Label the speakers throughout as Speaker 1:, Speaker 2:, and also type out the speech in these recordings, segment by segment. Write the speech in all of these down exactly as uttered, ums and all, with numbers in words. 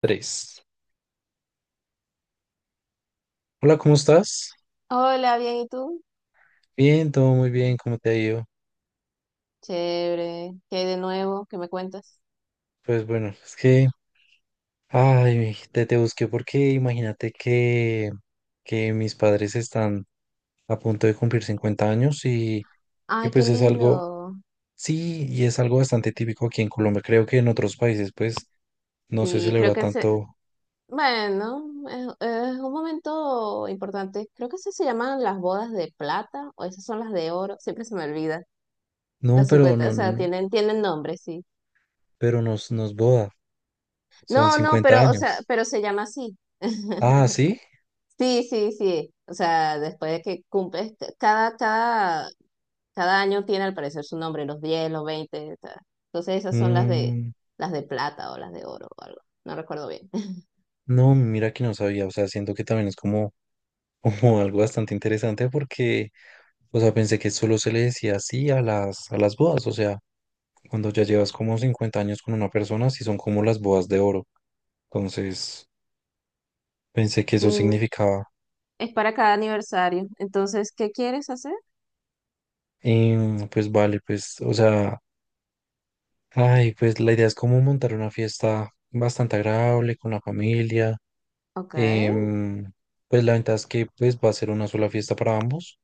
Speaker 1: Tres. Hola, ¿cómo estás?
Speaker 2: Hola, bien, ¿y tú?
Speaker 1: Bien, todo muy bien, ¿cómo te ha ido?
Speaker 2: Chévere. ¿Qué hay de nuevo? ¿Qué me cuentas?
Speaker 1: Pues bueno, es que, ay, te, te busqué porque imagínate que, que, mis padres están a punto de cumplir cincuenta años y, y
Speaker 2: Ay, qué
Speaker 1: pues es algo,
Speaker 2: lindo.
Speaker 1: sí, y es algo bastante típico aquí en Colombia. Creo que en otros países pues no se
Speaker 2: Sí, creo
Speaker 1: celebra
Speaker 2: que se...
Speaker 1: tanto,
Speaker 2: Bueno, es, es un momento importante. Creo que esas se llaman las bodas de plata o esas son las de oro. Siempre se me olvida.
Speaker 1: no,
Speaker 2: Los
Speaker 1: pero
Speaker 2: cincuenta, o
Speaker 1: no,
Speaker 2: sea,
Speaker 1: no,
Speaker 2: tienen, tienen nombre, sí.
Speaker 1: pero nos, nos boda, son
Speaker 2: No, no,
Speaker 1: cincuenta
Speaker 2: pero, o sea,
Speaker 1: años.
Speaker 2: pero se llama así.
Speaker 1: Ah, ¿sí?
Speaker 2: Sí, sí, sí. O sea, después de que cumples, cada, cada Cada año tiene al parecer su nombre, los diez los veinte ta. Entonces esas son las de
Speaker 1: Mm,
Speaker 2: las de plata o las de oro o algo. No recuerdo bien.
Speaker 1: no, mira que no sabía, o sea, siento que también es como Como algo bastante interesante porque, o sea, pensé que solo se le decía así a las, a las bodas, o sea, cuando ya llevas como cincuenta años con una persona, sí son como las bodas de oro. Entonces, pensé que eso
Speaker 2: Mm,
Speaker 1: significaba,
Speaker 2: Es para cada aniversario. Entonces, ¿qué quieres hacer?
Speaker 1: em, pues vale, pues, o sea, ay, pues la idea es como montar una fiesta bastante agradable con la familia.
Speaker 2: Ok.
Speaker 1: em, pues la ventaja es que pues va a ser una sola fiesta para ambos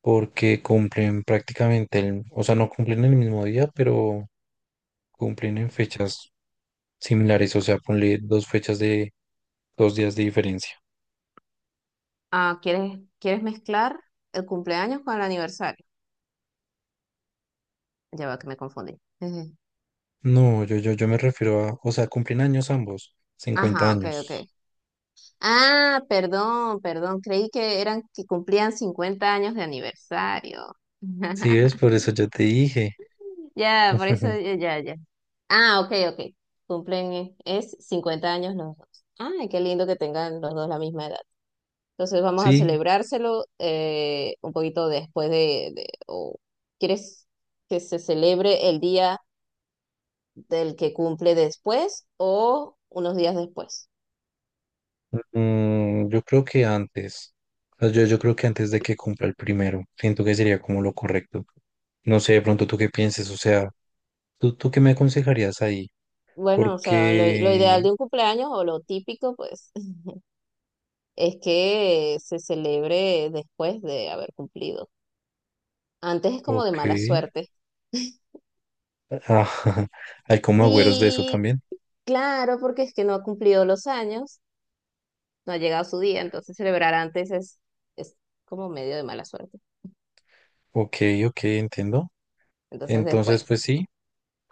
Speaker 1: porque cumplen prácticamente el, o sea, no cumplen el mismo día, pero cumplen en fechas similares, o sea, ponle dos fechas de dos días de diferencia.
Speaker 2: Ah, ¿quieres, quieres mezclar el cumpleaños con el aniversario? Ya va que me confundí. Ujú.
Speaker 1: No, yo, yo, yo me refiero a, o sea, cumplen años ambos, cincuenta
Speaker 2: Ajá, ok, ok.
Speaker 1: años.
Speaker 2: Ah, perdón, perdón. Creí que eran que cumplían cincuenta años de aniversario.
Speaker 1: Sí, es por eso yo te dije.
Speaker 2: Ya, por eso, ya, ya. Ah, ok, ok. Cumplen, eh, es cincuenta años los dos. Ay, qué lindo que tengan los dos la misma edad. Entonces vamos a
Speaker 1: Sí,
Speaker 2: celebrárselo, eh, un poquito después de, de- o ¿quieres que se celebre el día del que cumple después o unos días después?
Speaker 1: mm, yo creo que antes, o sea, yo, yo creo que antes de que cumpla el primero, siento que sería como lo correcto. No sé, de pronto tú qué pienses, o sea, ¿tú, tú qué me aconsejarías ahí?
Speaker 2: Bueno, o sea, lo, lo ideal
Speaker 1: Porque,
Speaker 2: de un cumpleaños o lo típico, pues, es que se celebre después de haber cumplido. Antes es como de
Speaker 1: ok,
Speaker 2: mala suerte.
Speaker 1: ah, hay como agüeros de eso
Speaker 2: Sí,
Speaker 1: también.
Speaker 2: claro, porque es que no ha cumplido los años, no ha llegado su día, entonces celebrar antes es, es como medio de mala suerte.
Speaker 1: Ok, ok, entiendo.
Speaker 2: Entonces
Speaker 1: Entonces,
Speaker 2: después,
Speaker 1: pues sí.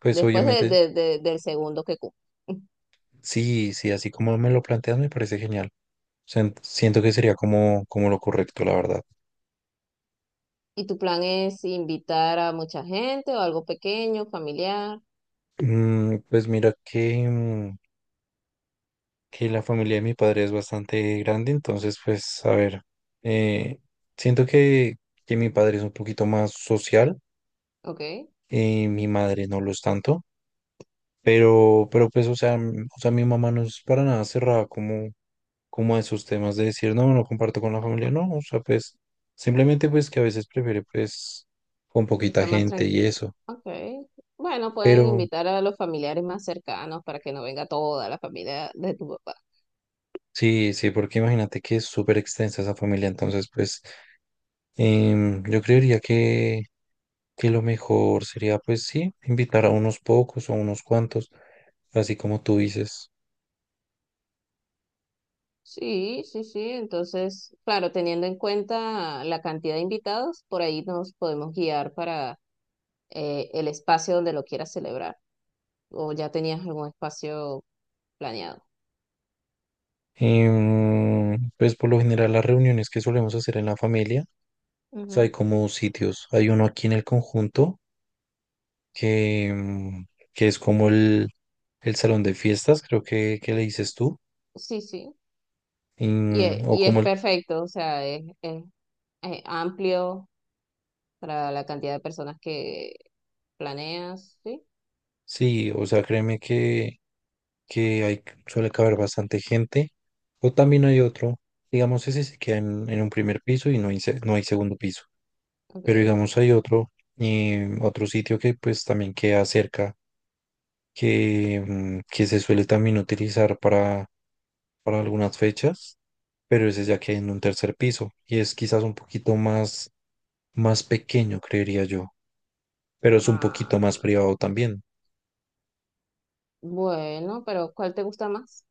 Speaker 1: Pues
Speaker 2: después de-
Speaker 1: obviamente,
Speaker 2: de- de- del segundo que cumple.
Speaker 1: sí, sí, así como me lo planteas, me parece genial. Sen- siento que sería como, como, lo correcto, la verdad.
Speaker 2: ¿Y tu plan es invitar a mucha gente o algo pequeño, familiar?
Speaker 1: Mm, pues mira que, mm, que la familia de mi padre es bastante grande, entonces, pues, a ver, eh, siento que, que mi padre es un poquito más social,
Speaker 2: Ok, que
Speaker 1: eh, mi madre no lo es tanto, pero, pero pues, o sea, mm, o sea, mi mamá no es para nada cerrada, como como a esos temas de decir, no, no comparto con la familia, no, o sea, pues simplemente pues que a veces prefiere pues con
Speaker 2: sea
Speaker 1: poquita
Speaker 2: más
Speaker 1: gente y
Speaker 2: tranquilo.
Speaker 1: eso,
Speaker 2: Ok, bueno, pueden
Speaker 1: pero
Speaker 2: invitar a los familiares más cercanos para que no venga toda la familia de tu papá.
Speaker 1: sí, sí, porque imagínate que es súper extensa esa familia, entonces pues em, yo creería que, que lo mejor sería pues sí, invitar a unos pocos o a unos cuantos, así como tú dices.
Speaker 2: Sí, sí, sí. Entonces, claro, teniendo en cuenta la cantidad de invitados, por ahí nos podemos guiar para, eh, el espacio donde lo quieras celebrar. O ya tenías algún espacio planeado.
Speaker 1: Em, pues por lo general las reuniones que solemos hacer en la familia, o sea, hay
Speaker 2: Ujú.
Speaker 1: como sitios, hay uno aquí en el conjunto que, mm, que es como el, el salón de fiestas, creo que, que le dices tú,
Speaker 2: Sí, sí. Y, e-
Speaker 1: mm, o
Speaker 2: y
Speaker 1: como
Speaker 2: es
Speaker 1: el,
Speaker 2: perfecto, o sea, es, es- es amplio para la cantidad de personas que planeas, ¿sí?
Speaker 1: sí, o sea, créeme que, que hay, suele caber bastante gente, o también hay otro, digamos, ese se queda en, en un primer piso y no hay, se- no hay segundo piso, pero
Speaker 2: Ok.
Speaker 1: digamos hay otro, eh, otro sitio que pues también queda cerca, que, mm, que se suele también utilizar para, para algunas fechas, pero ese ya queda en un tercer piso y es quizás un poquito más más pequeño, creería yo, pero es un poquito más
Speaker 2: Ah,
Speaker 1: privado también.
Speaker 2: bueno, pero ¿cuál te gusta más?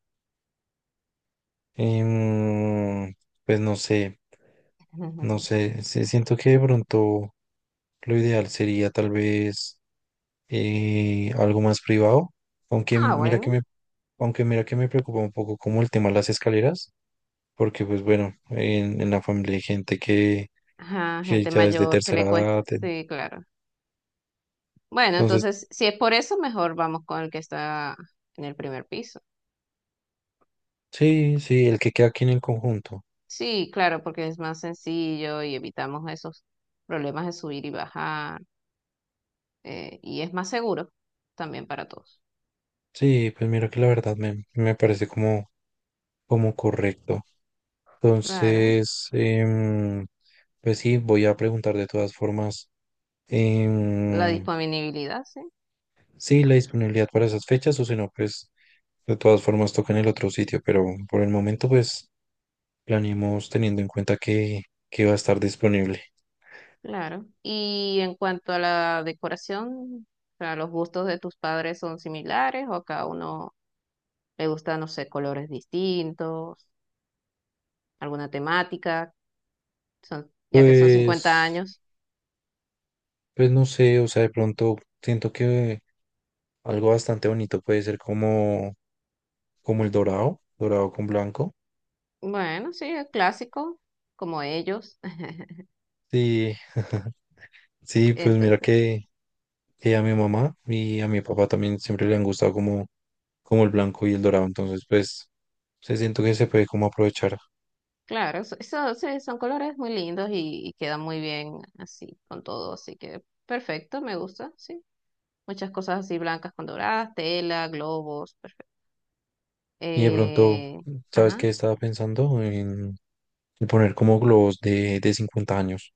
Speaker 1: Em, pues no sé, no sé, sí, siento que de pronto lo ideal sería tal vez eh, algo más privado, aunque
Speaker 2: Ah,
Speaker 1: mira que
Speaker 2: bueno.
Speaker 1: me, aunque mira que me preocupa un poco como el tema de las escaleras, porque pues bueno, en, en la familia hay gente que,
Speaker 2: Ajá,
Speaker 1: que
Speaker 2: gente
Speaker 1: ya es de
Speaker 2: mayor, ¿que
Speaker 1: tercera
Speaker 2: le cuesta?
Speaker 1: edad,
Speaker 2: Sí, claro. Bueno,
Speaker 1: entonces
Speaker 2: entonces, si es por eso, mejor vamos con el que está en el primer piso.
Speaker 1: sí, sí, el que queda aquí en el conjunto,
Speaker 2: Sí, claro, porque es más sencillo y evitamos esos problemas de subir y bajar, eh, y es más seguro también para todos.
Speaker 1: sí, pues mira que la verdad me, me parece como, como correcto.
Speaker 2: Claro,
Speaker 1: Entonces, em, pues sí, voy a preguntar de todas formas
Speaker 2: la
Speaker 1: em,
Speaker 2: disponibilidad, sí,
Speaker 1: sí, la disponibilidad para esas fechas o si no, pues de todas formas toca en el otro sitio, pero por el momento pues planeemos teniendo en cuenta que, que, va a estar disponible.
Speaker 2: claro. Y en cuanto a la decoración, o sea, ¿los gustos de tus padres son similares o a cada uno le gusta, no sé, colores distintos, alguna temática, son, ya que son cincuenta
Speaker 1: Pues,
Speaker 2: años?
Speaker 1: pues no sé, o sea, de pronto siento que algo bastante bonito puede ser como, como el dorado, dorado con blanco.
Speaker 2: Bueno, sí, es clásico, como ellos.
Speaker 1: Sí, sí, pues mira
Speaker 2: Entonces, sí,
Speaker 1: que... que a mi mamá y a mi papá también siempre le han gustado como, como el blanco y el dorado. Entonces, pues, se siento que se puede como aprovechar.
Speaker 2: claro, so- so- sí, son colores muy lindos y, y quedan muy bien así, con todo. Así que perfecto, me gusta, sí. Muchas cosas así blancas con doradas, tela, globos, perfecto.
Speaker 1: Y de pronto,
Speaker 2: Eh,
Speaker 1: ¿sabes qué?
Speaker 2: ajá.
Speaker 1: Estaba pensando en, en poner como globos de, de cincuenta años.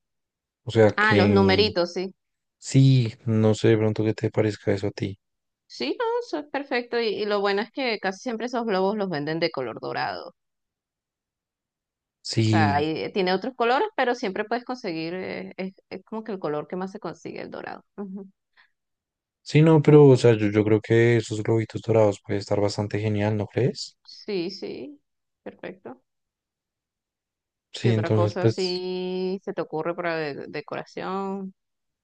Speaker 1: O sea
Speaker 2: Ah, los
Speaker 1: que
Speaker 2: numeritos, sí.
Speaker 1: sí, no sé de pronto qué te parezca eso a ti.
Speaker 2: Sí, no, eso es perfecto. Y, y lo bueno es que casi siempre esos globos los venden de color dorado. O sea,
Speaker 1: Sí,
Speaker 2: ahí tiene otros colores, pero siempre puedes conseguir, eh, es, es como que el color que más se consigue, el dorado. Ujú.
Speaker 1: sí, no, pero o sea, yo, yo creo que esos globitos dorados puede estar bastante genial, ¿no crees?
Speaker 2: Sí, sí, perfecto.
Speaker 1: Sí,
Speaker 2: ¿Qué otra
Speaker 1: entonces,
Speaker 2: cosa
Speaker 1: pues.
Speaker 2: así se te ocurre para de- decoración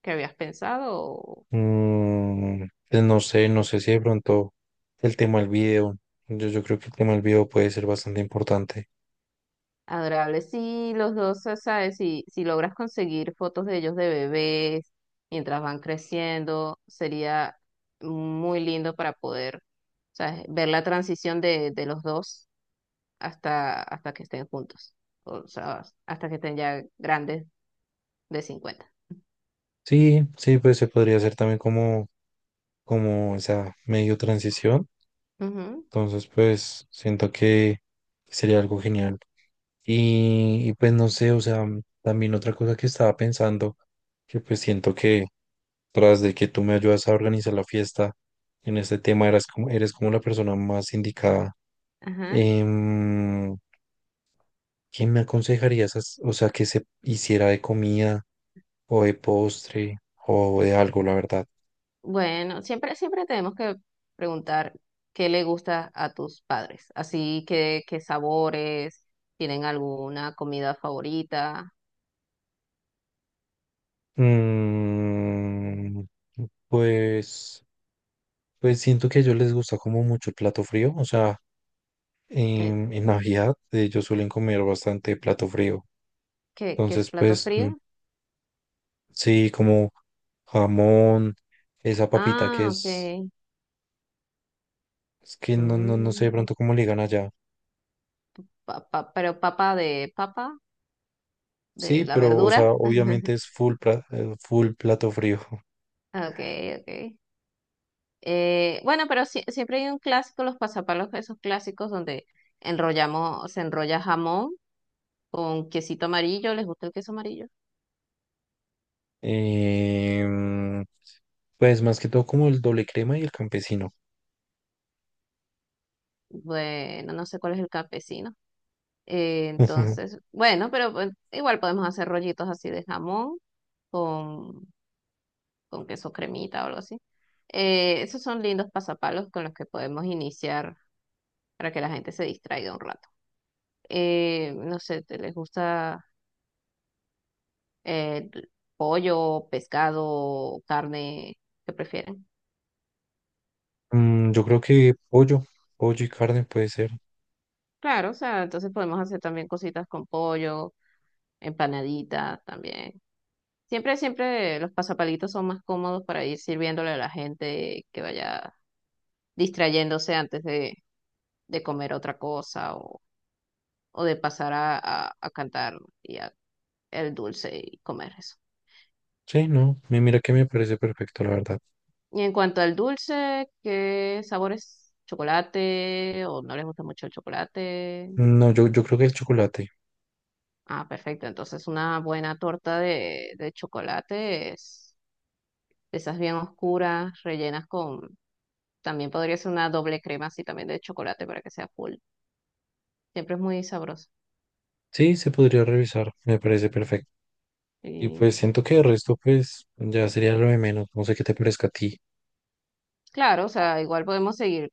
Speaker 2: que habías pensado? O
Speaker 1: Mm, pues no sé, no sé si de pronto el tema del video. Yo, yo creo que el tema del video puede ser bastante importante.
Speaker 2: adorable, sí, los dos, o sea, ¿sabes? Si, si logras conseguir fotos de ellos de bebés mientras van creciendo, sería muy lindo para poder, ¿sabes? Ver la transición de, de los dos hasta, hasta que estén juntos, o sea, hasta que estén ya grandes de cincuenta.
Speaker 1: Sí, sí, pues se podría hacer también como, como esa medio transición.
Speaker 2: Ujú.
Speaker 1: Entonces, pues siento que sería algo genial. Y, y pues no sé, o sea, también otra cosa que estaba pensando, que pues siento que tras de que tú me ayudas a organizar la fiesta en este tema, eras como, eres como la persona más indicada.
Speaker 2: Ajá.
Speaker 1: Em, ¿Qué me aconsejarías, as- o sea, que se hiciera de comida o de postre o de algo, la verdad?
Speaker 2: Bueno, siempre, siempre tenemos que preguntar qué le gusta a tus padres, así que qué sabores, tienen alguna comida favorita,
Speaker 1: Mm, pues, pues siento que a ellos les gusta como mucho el plato frío, o sea,
Speaker 2: eh,
Speaker 1: en, en Navidad ellos suelen comer bastante plato frío,
Speaker 2: ¿qué, qué es
Speaker 1: entonces
Speaker 2: plato
Speaker 1: pues mm,
Speaker 2: frío?
Speaker 1: sí, como jamón, esa papita que
Speaker 2: Ah,
Speaker 1: es,
Speaker 2: ok.
Speaker 1: es que no, no, no sé de
Speaker 2: Mm,
Speaker 1: pronto cómo le digan allá.
Speaker 2: pa- pa- pero papa de papa,
Speaker 1: Sí,
Speaker 2: de la
Speaker 1: pero, o
Speaker 2: verdura.
Speaker 1: sea, obviamente es full, pla- eh, full plato frío.
Speaker 2: Okay, okay. Eh, bueno, pero sí- siempre hay un clásico, los pasapalos, esos clásicos donde enrollamos, se enrolla jamón con quesito amarillo, ¿les gusta el queso amarillo?
Speaker 1: Em, Pues más que todo como el doble crema y el campesino.
Speaker 2: Bueno, no sé cuál es el campesino. Eh, entonces, bueno, pero pues, igual podemos hacer rollitos así de jamón con, con queso cremita o algo así. Eh, esos son lindos pasapalos con los que podemos iniciar para que la gente se distraiga un rato. Eh, no sé, ¿te les gusta, eh, pollo, pescado, carne? ¿Qué prefieren?
Speaker 1: Mm, yo creo que pollo, pollo y carne puede ser.
Speaker 2: Claro, o sea, entonces podemos hacer también cositas con pollo, empanaditas también. Siempre, siempre los pasapalitos son más cómodos para ir sirviéndole a la gente que vaya distrayéndose antes de, de comer otra cosa, o, o de pasar a, a- a cantar y a- el dulce y comer eso.
Speaker 1: Sí, no, mi- mira que me parece perfecto, la verdad.
Speaker 2: Y en cuanto al dulce, ¿qué sabores? ¿Chocolate? ¿O no les gusta mucho el chocolate?
Speaker 1: No, yo, yo creo que el chocolate.
Speaker 2: Ah, perfecto. Entonces una buena torta de, de chocolate es de esas bien oscuras, rellenas con... También podría ser una doble crema así también de chocolate para que sea full. Siempre es muy sabroso.
Speaker 1: Sí, se podría revisar, me parece perfecto. Y
Speaker 2: Y
Speaker 1: pues siento que el resto pues ya sería lo de menos, no sé qué te parezca a ti.
Speaker 2: claro, o sea, igual podemos seguir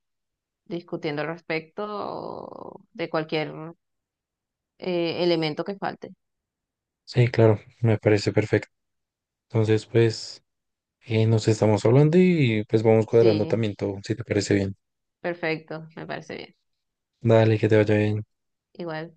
Speaker 2: discutiendo al respecto de cualquier, eh, elemento que falte.
Speaker 1: Sí, claro, me parece perfecto. Entonces pues eh, nos estamos hablando y pues vamos cuadrando
Speaker 2: Sí,
Speaker 1: también todo, si te parece bien.
Speaker 2: perfecto, me parece bien.
Speaker 1: Dale, que te vaya bien.
Speaker 2: Igual.